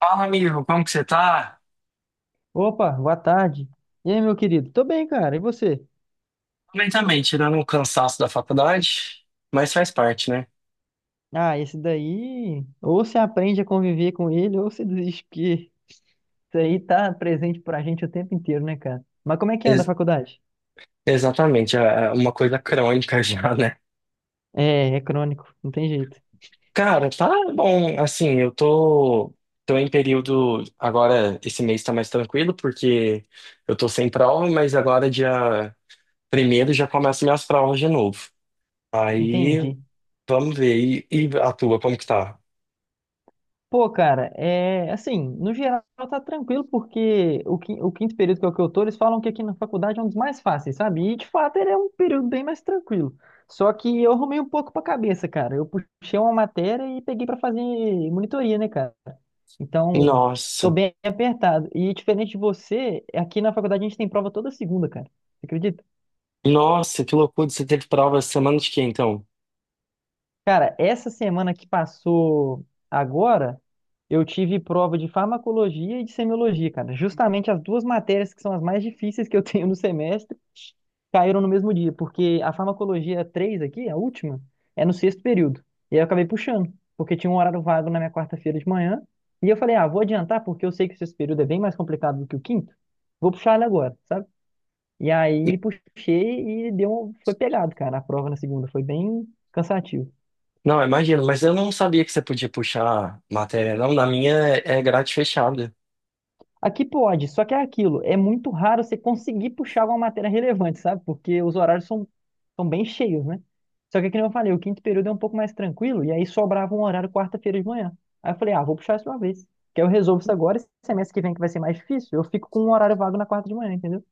Fala, amigo, como que você tá? Opa, boa tarde. E aí, meu querido? Tô bem, cara. E você? Bem também, tirando o cansaço da faculdade, mas faz parte, né? Ah, esse daí, ou se aprende a conviver com ele, ou se desiste, porque isso aí tá presente pra gente o tempo inteiro, né, cara? Mas como é que anda a Ex- faculdade? exatamente, é uma coisa crônica já, né? É, é crônico, não tem jeito. Cara, tá bom, assim, eu tô em período, agora esse mês tá mais tranquilo, porque eu tô sem prova, mas agora dia primeiro já começam minhas provas de novo. Entendi. Aí, vamos ver, e a tua, como que tá? Pô, cara, é assim, no geral tá tranquilo, porque o quinto período que é o que eu tô, eles falam que aqui na faculdade é um dos mais fáceis, sabe? E de fato ele é um período bem mais tranquilo. Só que eu arrumei um pouco pra cabeça, cara. Eu puxei uma matéria e peguei pra fazer monitoria, né, cara? Então, tô Nossa, bem apertado. E diferente de você, aqui na faculdade a gente tem prova toda segunda, cara. Você acredita? nossa, que loucura, você teve prova semana de quê, então? Cara, essa semana que passou agora, eu tive prova de farmacologia e de semiologia, cara. Justamente as duas matérias que são as mais difíceis que eu tenho no semestre caíram no mesmo dia, porque a farmacologia 3 aqui, a última, é no sexto período. E aí eu acabei puxando, porque tinha um horário vago na minha quarta-feira de manhã. E eu falei, ah, vou adiantar, porque eu sei que o sexto período é bem mais complicado do que o quinto. Vou puxar ele agora, sabe? E aí puxei e deu, foi pegado, cara, a prova na segunda. Foi bem cansativo. Não, imagino, mas eu não sabia que você podia puxar matéria, não. Na minha é grade fechada. Aqui pode, só que é aquilo, é muito raro você conseguir puxar alguma matéria relevante, sabe? Porque os horários são bem cheios, né? Só que, como eu falei, o quinto período é um pouco mais tranquilo, e aí sobrava um horário quarta-feira de manhã. Aí eu falei, ah, vou puxar isso uma vez, que aí eu resolvo isso agora, e semestre que vem que vai ser mais difícil, eu fico com um horário vago na quarta de manhã, entendeu?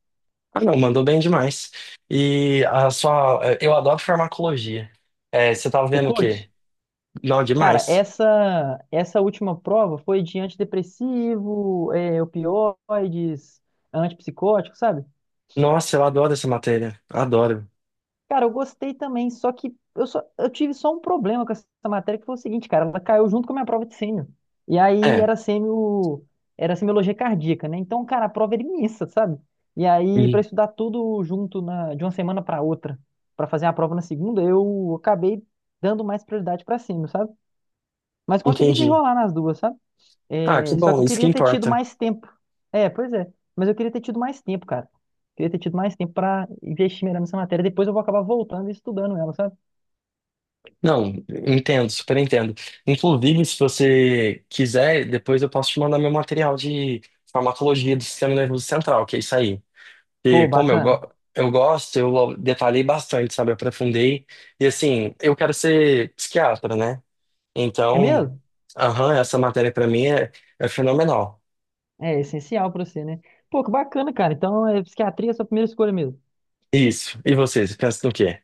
Ah, não, mandou bem demais. E a sua. Eu adoro farmacologia. É, você tava Você vendo o quê? curte? Não, Cara, demais. essa última prova foi de antidepressivo, é, opioides, antipsicótico, sabe? Nossa, eu adoro essa matéria. Adoro. Cara, eu gostei também, só que eu tive só um problema com essa matéria, que foi o seguinte, cara, ela caiu junto com a minha prova de sêmio. E aí É, era sêmio, era semiologia cardíaca, né? Então, cara, a prova era imensa, sabe? E aí, para en- estudar tudo junto de uma semana para outra, para fazer a prova na segunda, eu acabei dando mais prioridade para sêmio, sabe? Mas consegui entendi. desenrolar nas duas, sabe? Ah, que É, só que bom, eu isso que queria ter tido importa. mais tempo. É, pois é. Mas eu queria ter tido mais tempo, cara. Queria ter tido mais tempo pra investir melhor nessa matéria. Depois eu vou acabar voltando e estudando ela, sabe? Não, entendo, super entendo. Inclusive, se você quiser, depois eu posso te mandar meu material de farmacologia do sistema nervoso central, que é isso aí. E Pô, como eu, go bacana. eu gosto, eu detalhei bastante, sabe? Eu Aprofundei. E assim, eu quero ser psiquiatra, né? É Então, mesmo? aham, essa matéria pra mim é é fenomenal. É essencial pra você, né? Pô, que bacana, cara. Então, psiquiatria é a sua primeira escolha mesmo. Isso. E vocês, pensam no quê?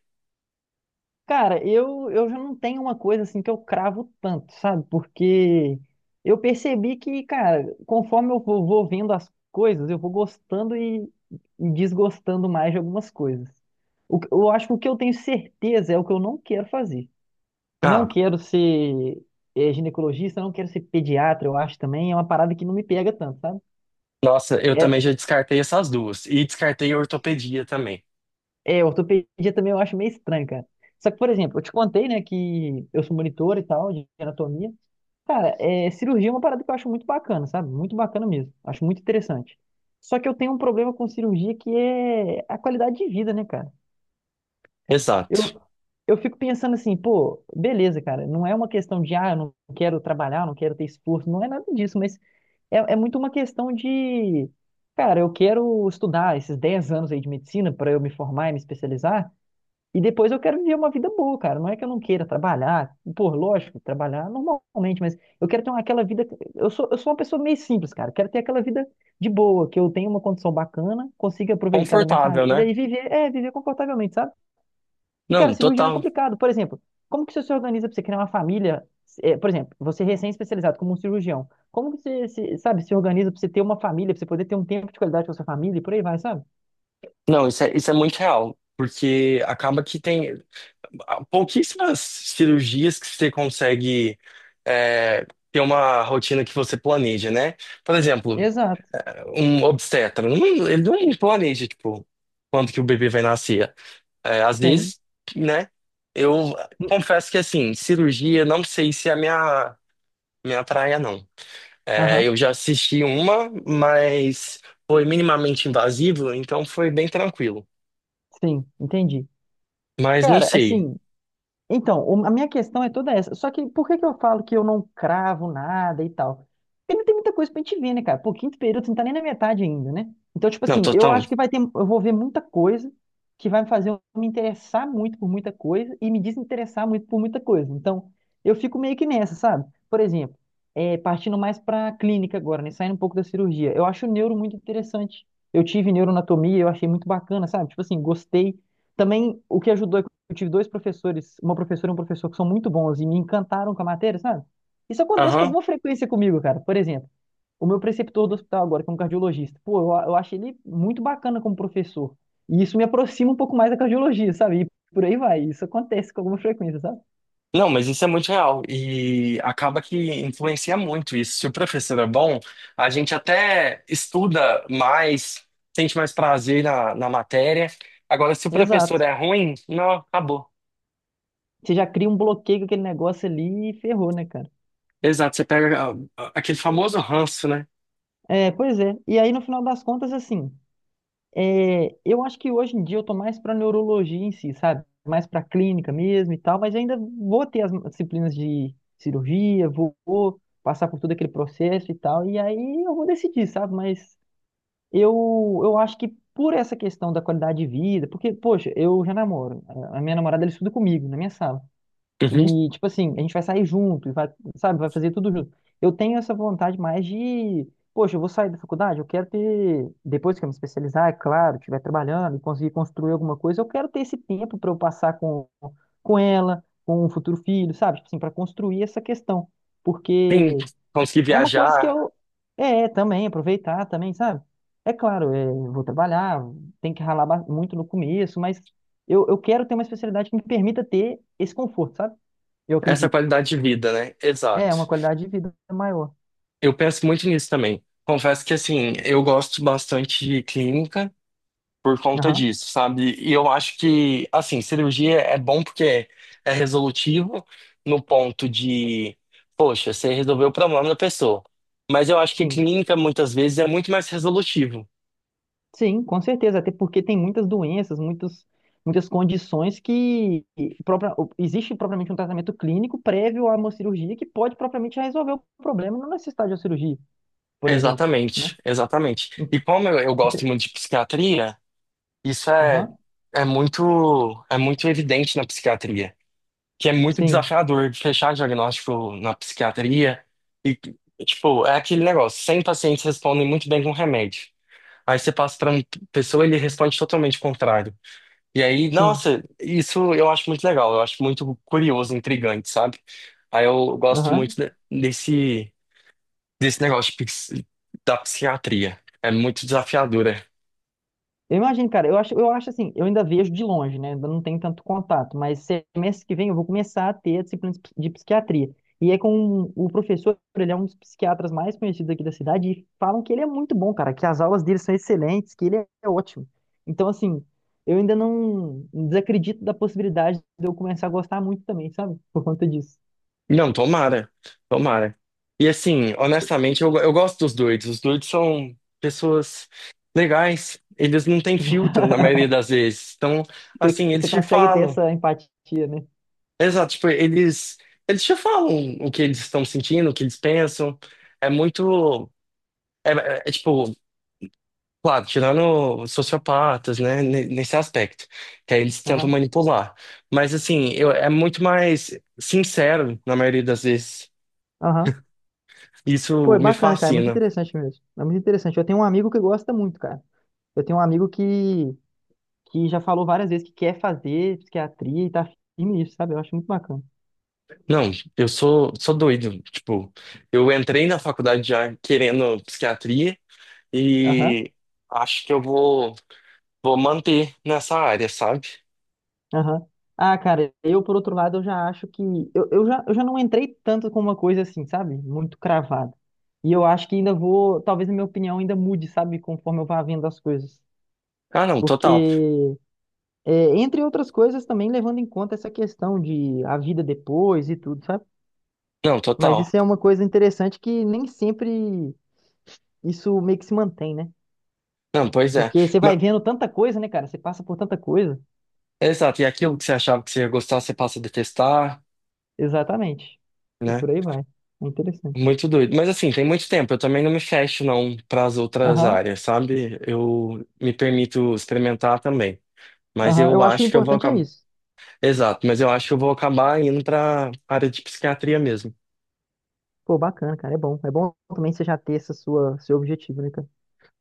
Cara, eu já não tenho uma coisa assim que eu cravo tanto, sabe? Porque eu percebi que, cara, conforme eu vou vendo as coisas, eu vou gostando e desgostando mais de algumas coisas. Eu acho que o que eu tenho certeza é o que eu não quero fazer. Não Ah, quero ser ginecologista, não quero ser pediatra, eu acho também. É uma parada que não me pega tanto, sabe? nossa, eu também É, já descartei essas duas. E descartei a ortopedia também. é, ortopedia também eu acho meio estranho, cara. Só que, por exemplo, eu te contei, né, que eu sou monitor e tal, de anatomia. Cara, é, cirurgia é uma parada que eu acho muito bacana, sabe? Muito bacana mesmo. Acho muito interessante. Só que eu tenho um problema com cirurgia que é a qualidade de vida, né, cara? Exato. Eu, eu fico pensando assim, pô, beleza, cara. Não é uma questão de, ah, eu não quero trabalhar, eu não quero ter esforço. Não é nada disso, mas é muito uma questão de, cara, eu quero estudar esses 10 anos aí de medicina para eu me formar e me especializar. E depois eu quero viver uma vida boa, cara. Não é que eu não queira trabalhar, pô, lógico, trabalhar normalmente, mas eu quero ter uma- aquela vida. Eu sou uma pessoa meio simples, cara. Eu quero ter aquela vida de boa, que eu tenha uma condição bacana, consiga aproveitar da minha Confortável, família né? e viver, é, viver confortavelmente, sabe? E, cara, Não, cirurgião é total. complicado. Por exemplo, como que você se organiza pra você criar uma família? É, por exemplo, você é recém-especializado como um cirurgião, como que você, se, sabe, se organiza pra você ter uma família, pra você poder ter um tempo de qualidade com a sua família e por aí vai, sabe? Não, isso é muito real. Porque acaba que tem pouquíssimas cirurgias que você consegue é, ter uma rotina que você planeja, né? Por exemplo, Exato, um obstetra, ele não planeja, tipo, quando que o bebê vai nascer. É, às sim. vezes, né? Eu confesso que, assim, cirurgia, não sei se é a minha praia, não. É, Aham, eu já assisti uma, mas foi minimamente invasivo, então foi bem tranquilo. sim, entendi. Mas não Cara, sei. assim, então, a minha questão é toda essa. Só que por que que eu falo que eu não cravo nada e tal? Porque não tem muita coisa pra gente ver, né, cara? Pô, quinto período, você não tá nem na metade ainda, né? Então, tipo Não, assim, eu total. acho que vai ter, eu vou ver muita coisa que vai me fazer eu me interessar muito por muita coisa e me desinteressar muito por muita coisa. Então, eu fico meio que nessa, sabe? Por exemplo, é, partindo mais pra clínica agora, né? Saindo um pouco da cirurgia. Eu acho o neuro muito interessante. Eu tive neuroanatomia, eu achei muito bacana, sabe? Tipo assim, gostei. Também o que ajudou eu tive dois professores, uma professora e um professor que são muito bons e me encantaram com a matéria, sabe? Isso acontece com alguma frequência comigo, cara. Por exemplo, o meu preceptor do hospital agora, que é um cardiologista, pô, eu acho ele muito bacana como professor. E isso me aproxima um pouco mais da cardiologia, sabe? E por aí vai. Isso acontece com alguma frequência, sabe? Não, mas isso é muito real e acaba que influencia muito isso. Se o professor é bom, a gente até estuda mais, sente mais prazer na matéria. Agora, se o professor Exato. é ruim, não, acabou. Você já cria um bloqueio com aquele negócio ali e ferrou, né, cara? Exato, você pega aquele famoso ranço, né? É, pois é. E aí, no final das contas, assim. É, eu acho que hoje em dia eu tô mais para neurologia em si, sabe? Mais para clínica mesmo e tal, mas ainda vou ter as disciplinas de cirurgia, vou passar por todo aquele processo e tal, e aí eu vou decidir, sabe? Mas eu acho que por essa questão da qualidade de vida, porque, poxa, eu já namoro, a minha namorada ela estuda comigo na minha sala. Uhum. E, tipo assim, a gente vai sair junto, e vai, sabe, vai fazer tudo junto. Eu tenho essa vontade mais de, poxa, eu vou sair da faculdade, eu quero ter, depois que eu me especializar, é claro, estiver trabalhando e conseguir construir alguma coisa, eu quero ter esse tempo para eu passar com ela, com o futuro filho, sabe? Tipo assim, para construir essa questão. Sim, Porque conseguir é uma coisa que viajar, eu. É, também, aproveitar também, sabe? É claro, é, eu vou trabalhar, tem que ralar muito no começo, mas eu quero ter uma especialidade que me permita ter esse conforto, sabe? Eu essa acredito. qualidade de vida, né? É, Exato. uma qualidade de vida maior. Eu penso muito nisso também. Confesso que, assim, eu gosto bastante de clínica por conta Aham, disso, sabe? E eu acho que, assim, cirurgia é bom porque é resolutivo no ponto de, poxa, você resolveu o problema da pessoa. Mas eu acho que sim. clínica, muitas vezes, é muito mais resolutivo. Sim, com certeza. Até porque tem muitas doenças, muitas, muitas condições que própria, existe propriamente um tratamento clínico prévio a uma cirurgia que pode propriamente resolver o problema, não necessitar de uma cirurgia, por exemplo, né? Exatamente, exatamente. E como eu gosto Ente- muito de psiquiatria, isso é, Aham. é muito evidente na psiquiatria, que é muito Sim. desafiador de fechar diagnóstico na psiquiatria e, tipo, é aquele negócio, 100 pacientes respondem muito bem com remédio. Aí você passa pra uma pessoa, ele responde totalmente o contrário. E aí, Sim. nossa, isso eu acho muito legal, eu acho muito curioso, intrigante, sabe? Aí eu gosto muito Aham. Desse negócio da psiquiatria. É muito desafiadora. Eu imagino, cara, eu acho assim, eu ainda vejo de longe, né? Ainda não tenho tanto contato, mas semestre que vem eu vou começar a ter a disciplina de psiquiatria. E é com o professor, ele é um dos psiquiatras mais conhecidos aqui da cidade, e falam que ele é muito bom, cara, que as aulas dele são excelentes, que ele é ótimo. Então, assim, eu ainda não desacredito da possibilidade de eu começar a gostar muito também, sabe? Por conta disso. Não, tomara, tomara. E assim, honestamente, eu gosto dos doidos. Os doidos são pessoas legais, eles não têm filtro na maioria das vezes. Então, Você, assim, eles você te consegue ter falam. essa empatia, né? Exato, tipo, eles já falam o que eles estão sentindo, o que eles pensam. É muito. É, tipo, claro, tirando sociopatas, né, nesse aspecto, que aí eles tentam Aham. manipular. Mas, assim, eu, é muito mais sincero, na maioria das vezes. Aham. Isso Foi me bacana, cara. É muito fascina. interessante mesmo. É muito interessante. Eu tenho um amigo que gosta muito, cara. Eu tenho um amigo que já falou várias vezes que quer fazer psiquiatria e tá firme nisso, sabe? Eu acho muito bacana. Não, eu sou doido. Tipo, eu entrei na faculdade já querendo psiquiatria Aham, e acho que eu vou manter nessa área, sabe? aham. Ah, cara, eu, por outro lado, eu já acho que. Eu já não entrei tanto com uma coisa assim, sabe? Muito cravada. E eu acho que ainda vou. Talvez a minha opinião ainda mude, sabe? Conforme eu vá vendo as coisas. Ah, não, total. Porque, entre outras coisas, também levando em conta essa questão de a vida depois e tudo, sabe? Não, Mas total. isso é uma coisa interessante que nem sempre isso meio que se mantém, né? Não, pois é. Porque você vai Ma- vendo tanta coisa, né, cara? Você passa por tanta coisa. exato, e aquilo que você achava que você ia gostar, você passa a detestar, Exatamente. E né? por aí vai. É interessante. Muito doido. Mas assim, tem muito tempo. Eu também não me fecho, não, para as outras Aham, áreas, sabe? Eu me permito experimentar também. Mas aham. eu Eu acho que o acho que eu vou importante é acabar. isso. Exato, mas eu acho que eu vou acabar indo para área de psiquiatria mesmo. Pô, bacana, cara. É bom. É bom também você já ter seu objetivo, né, cara?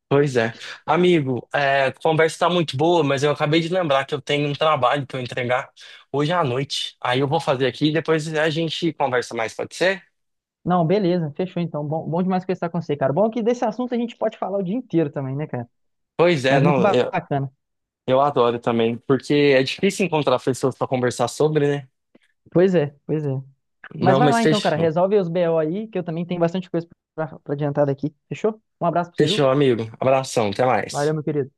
Pois é. Amigo, é, a conversa tá muito boa, mas eu acabei de lembrar que eu tenho um trabalho para entregar hoje à noite. Aí eu vou fazer aqui e depois a gente conversa mais, pode ser? Não, beleza. Fechou, então. Bom, bom demais conversar com você, cara. Bom que desse assunto a gente pode falar o dia inteiro também, né, cara? Pois é, Mas muito não, bacana. eu adoro também, porque é difícil encontrar pessoas para conversar sobre, né? Pois é, pois é. Mas Não, vai mas lá então, cara, fechou. resolve os BO aí, que eu também tenho bastante coisa pra adiantar daqui. Fechou? Um abraço pra você, viu? Fechou, amigo. Abração, até Valeu, mais. meu querido.